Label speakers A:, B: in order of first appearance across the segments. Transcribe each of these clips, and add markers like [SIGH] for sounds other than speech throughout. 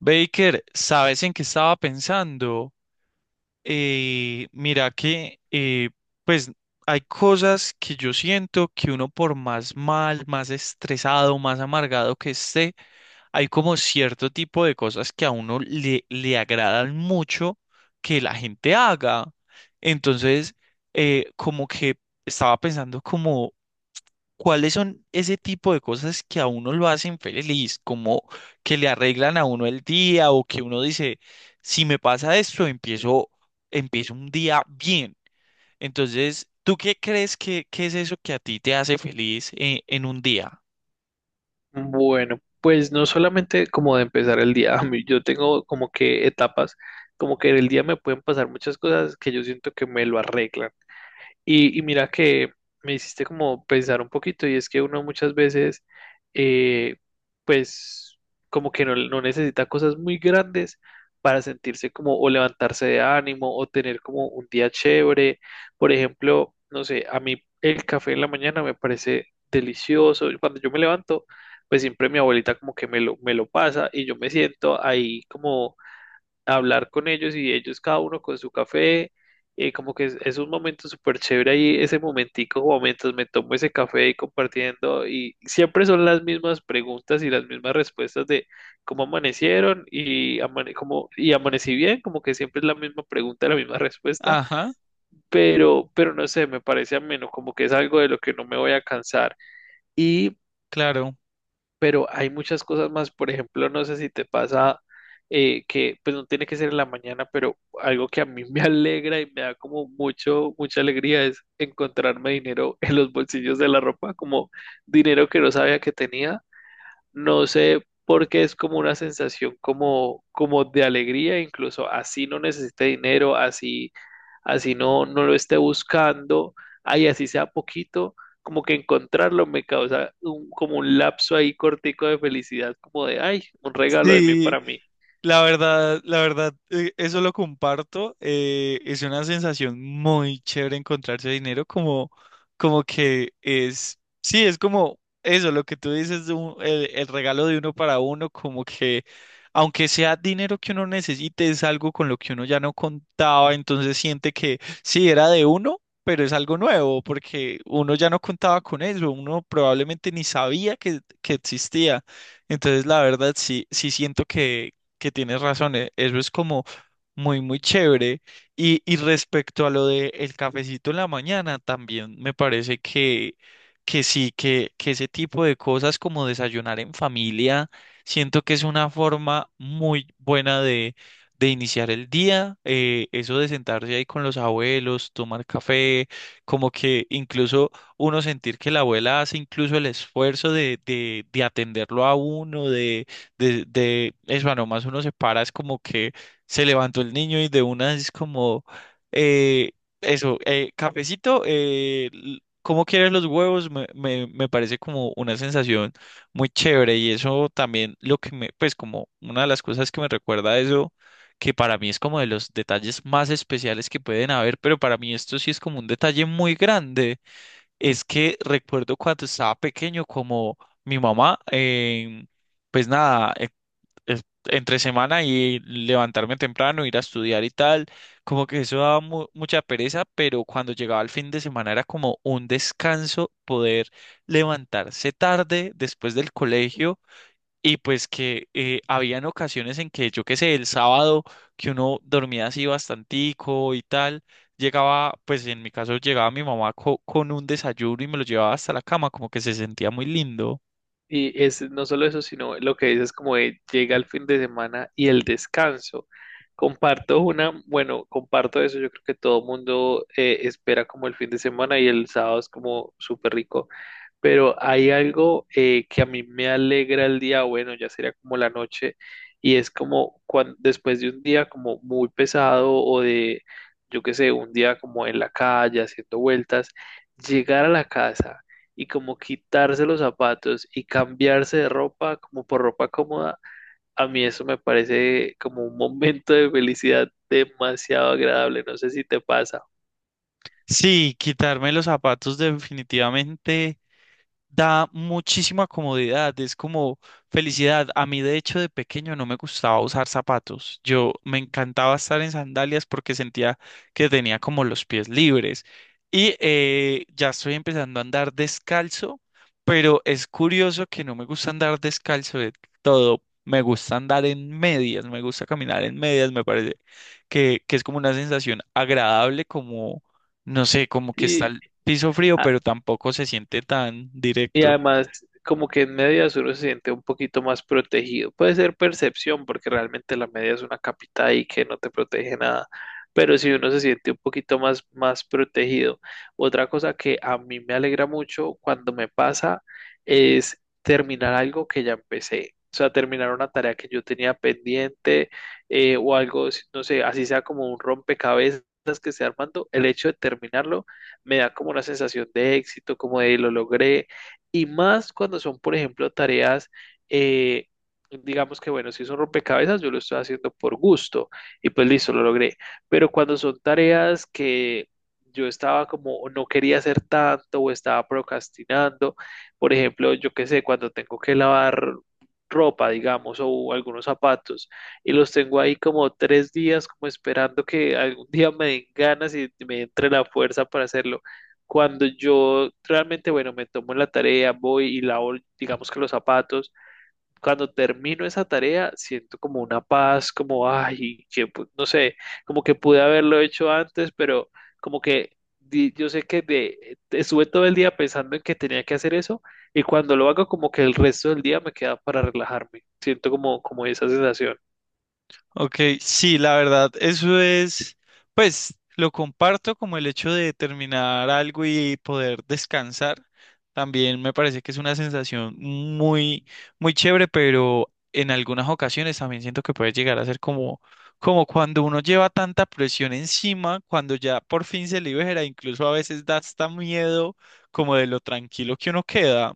A: Baker, ¿sabes en qué estaba pensando? Mira que, pues, hay cosas que yo siento que uno por más mal, más estresado, más amargado que esté, hay como cierto tipo de cosas que a uno le agradan mucho que la gente haga. Entonces, como que estaba pensando. ¿Cuáles son ese tipo de cosas que a uno lo hacen feliz? Como que le arreglan a uno el día o que uno dice, si me pasa esto, empiezo un día bien. Entonces, ¿tú qué crees que es eso que a ti te hace feliz en un día?
B: Bueno, pues no solamente como de empezar el día, [LAUGHS] yo tengo como que etapas, como que en el día me pueden pasar muchas cosas que yo siento que me lo arreglan. Y mira que me hiciste como pensar un poquito y es que uno muchas veces, eh, pues como que no, no necesita cosas muy grandes para sentirse como o levantarse de ánimo o tener como un día chévere. Por ejemplo, no sé, a mí el café en la mañana me parece delicioso. Y cuando yo me levanto, pues siempre mi abuelita como que me lo pasa y yo me siento ahí como hablar con ellos y ellos cada uno con su café, como que es un momento súper chévere ahí, ese momentico, como mientras me tomo ese café y compartiendo, y siempre son las mismas preguntas y las mismas respuestas de cómo amanecieron y amanecí bien, como que siempre es la misma pregunta, la misma respuesta,
A: Ajá,
B: pero no sé, me parece ameno, como que es algo de lo que no me voy a cansar. Y
A: claro.
B: pero hay muchas cosas más. Por ejemplo, no sé si te pasa pues no tiene que ser en la mañana, pero algo que a mí [LAUGHS] me alegra y me da como mucha alegría es encontrarme dinero en los bolsillos de la ropa, como dinero que no sabía que tenía. No sé por qué es como una sensación como de alegría, incluso así no necesite dinero, así no, no lo esté buscando, ay así sea poquito, como que encontrarlo me causa como un lapso ahí cortico de felicidad, como de, ay, un regalo de mí
A: Sí,
B: para mí.
A: la verdad, la verdad, eso lo comparto. Es una sensación muy chévere encontrarse dinero, como que es, sí, es como eso, lo que tú dices, el regalo de uno para uno, como que aunque sea dinero que uno necesite, es algo con lo que uno ya no contaba, entonces siente que sí era de uno, pero es algo nuevo, porque uno ya no contaba con eso, uno probablemente ni sabía que existía. Entonces, la verdad, sí, sí siento que tienes razón, eso es como muy, muy chévere. Y respecto a lo de el cafecito en la mañana, también me parece que sí, que ese tipo de cosas como desayunar en familia, siento que es una forma muy buena de iniciar el día. Eso de sentarse ahí con los abuelos, tomar café, como que incluso uno sentir que la abuela hace incluso el esfuerzo de atenderlo a uno, de eso, nomás uno se para, es como que se levantó el niño y de una es como, eh, eso, cafecito, ¿cómo quieres los huevos? Me parece como una sensación muy chévere y eso también lo que me, pues como una de las cosas que me recuerda a eso, que para mí es como de los detalles más especiales que pueden haber, pero para mí esto sí es como un detalle muy grande, es que recuerdo cuando estaba pequeño como mi mamá, pues nada, entre semana y levantarme temprano, ir a estudiar y tal, como que eso daba mucha pereza, pero cuando llegaba el fin de semana era como un descanso poder levantarse tarde después del colegio y pues que habían ocasiones en que yo qué sé, el sábado que uno dormía así bastantico y tal. Llegaba, pues en mi caso llegaba mi mamá con un desayuno y me lo llevaba hasta la cama, como que se sentía muy lindo.
B: Y es no solo eso, sino lo que dices como de llega el fin de semana y el descanso. Comparto bueno, comparto eso, yo creo que todo mundo espera como el fin de semana y el sábado es como súper rico, pero hay algo que a mí me alegra el día, bueno, ya sería como la noche, y es como cuando, después de un día como muy pesado o de, yo qué sé, un día como en la calle haciendo vueltas, llegar a la casa y como quitarse los zapatos y cambiarse de ropa como por ropa cómoda, a mí eso me parece como un momento de felicidad demasiado agradable, no sé si te pasa.
A: Sí, quitarme los zapatos definitivamente da muchísima comodidad, es como felicidad. A mí, de hecho, de pequeño no me gustaba usar zapatos. Yo me encantaba estar en sandalias porque sentía que tenía como los pies libres. Y ya estoy empezando a andar descalzo, pero es curioso que no me gusta andar descalzo de todo. Me gusta andar en medias, me gusta caminar en medias, me parece que es como una sensación agradable, como, no sé, como que está
B: Y
A: piso frío, pero tampoco se siente tan
B: Y
A: directo.
B: además, como que en medias uno se siente un poquito más protegido. Puede ser percepción, porque realmente la media es una capita y que no te protege nada. Pero si uno se siente un poquito más protegido. Otra cosa que a mí me alegra mucho cuando me pasa es terminar algo que ya empecé. O sea, terminar una tarea que yo tenía pendiente, o algo, no sé, así sea como un rompecabezas que esté armando. El hecho de terminarlo me da como una sensación de éxito, como de lo logré, y más cuando son, por ejemplo, tareas, eh, digamos que, bueno, si son rompecabezas, yo lo estoy haciendo por gusto y pues listo, lo logré. Pero cuando son tareas que yo estaba como, o no quería hacer tanto o estaba procrastinando, por ejemplo, yo qué sé, cuando tengo que lavar ropa, digamos, o algunos zapatos, y los tengo ahí como 3 días, como esperando que algún día me den ganas y me entre la fuerza para hacerlo, cuando yo realmente, bueno, me tomo la tarea, voy y lavo, digamos que los zapatos, cuando termino esa tarea, siento como una paz, como, ay, que no sé, como que pude haberlo hecho antes, pero como que yo sé que estuve todo el día pensando en que tenía que hacer eso, y cuando lo hago, como que el resto del día me queda para relajarme. Siento como esa sensación.
A: Ok, sí, la verdad, eso es, pues lo comparto como el hecho de terminar algo y poder descansar. También me parece que es una sensación muy, muy chévere, pero en algunas ocasiones también siento que puede llegar a ser como cuando uno lleva tanta presión encima, cuando ya por fin se libera, incluso a veces da hasta miedo como de lo tranquilo que uno queda.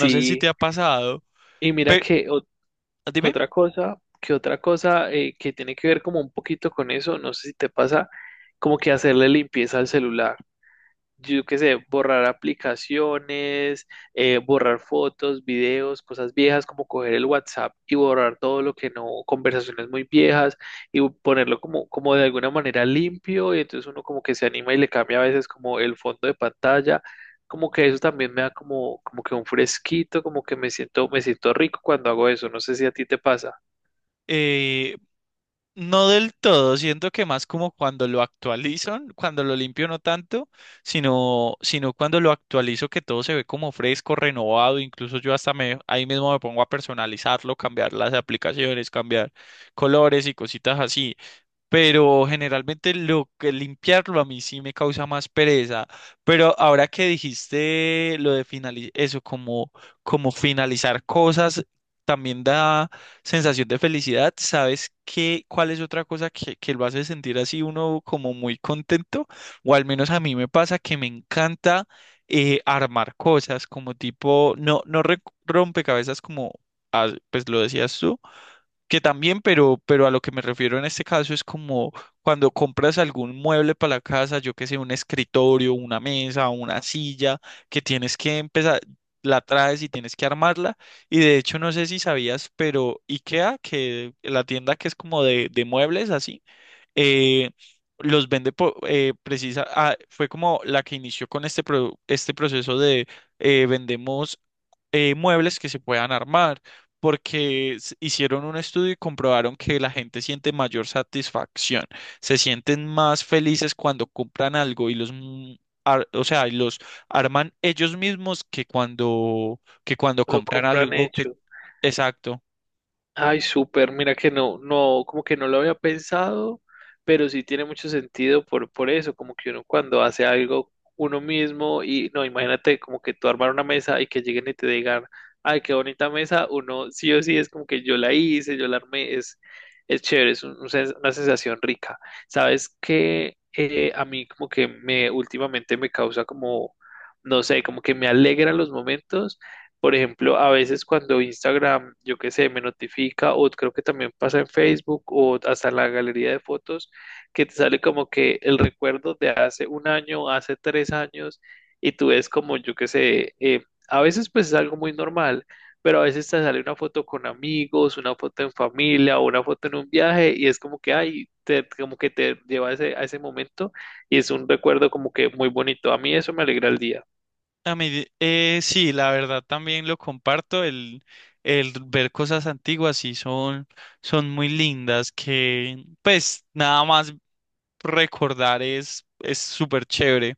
A: No sé si te ha pasado.
B: y mira
A: Pero
B: que
A: dime.
B: Otra cosa que tiene que ver como un poquito con eso, no sé si te pasa, como que hacerle limpieza al celular. Yo qué sé, borrar aplicaciones, borrar fotos, videos, cosas viejas, como coger el WhatsApp y borrar todo lo que no, conversaciones muy viejas, y ponerlo como de alguna manera limpio, y entonces uno como que se anima y le cambia a veces como el fondo de pantalla. Como que eso también me da como, como que un fresquito, como que me siento rico cuando hago eso. No sé si a ti te pasa.
A: Eh, no del todo, siento que más como cuando lo actualizan, cuando lo limpio no tanto, sino cuando lo actualizo que todo se ve como fresco, renovado, incluso yo hasta me, ahí mismo me pongo a personalizarlo, cambiar las aplicaciones, cambiar colores y cositas así, pero generalmente lo que limpiarlo a mí sí me causa más pereza. Pero ahora que dijiste lo de finalizar, eso como finalizar cosas, también da sensación de felicidad. ¿Sabes qué? ¿Cuál es otra cosa que lo hace sentir así uno como muy contento? O al menos a mí me pasa que me encanta, armar cosas como tipo, no, no rompecabezas, como ah, pues lo decías tú que también, pero a lo que me refiero en este caso es como cuando compras algún mueble para la casa, yo que sé, un escritorio, una mesa, una silla, que tienes que empezar, la traes y tienes que armarla. Y de hecho, no sé si sabías, pero IKEA, que la tienda que es como de muebles así, eh, los vende precisa, ah, fue como la que inició con este proceso de vendemos muebles que se puedan armar, porque hicieron un estudio y comprobaron que la gente siente mayor satisfacción, se sienten más felices cuando compran algo o sea, y los arman ellos mismos que cuando
B: Lo
A: compran
B: compran
A: algo que,
B: hecho.
A: exacto.
B: Ay, súper, mira que no, no, como que no lo había pensado, pero sí tiene mucho sentido por eso, como que uno cuando hace algo uno mismo y no, imagínate como que tú armar una mesa y que lleguen y te digan, ay, qué bonita mesa, uno sí o sí es como que yo la hice, yo la armé, es chévere, es una sensación rica. ¿Sabes que a mí como que me últimamente me causa como, no sé, como que me alegra los momentos? Por ejemplo, a veces cuando Instagram, yo qué sé, me notifica, o creo que también pasa en Facebook, o hasta en la galería de fotos, que te sale como que el recuerdo de hace un año, hace 3 años, y tú ves como, yo qué sé, a veces pues es algo muy normal, pero a veces te sale una foto con amigos, una foto en familia, o una foto en un viaje, y es como que, ay, como que te lleva a ese, momento, y es un recuerdo como que muy bonito. A mí eso me alegra el día.
A: A mí, sí, la verdad también lo comparto, el ver cosas antiguas sí son muy lindas, que pues nada más recordar es súper chévere.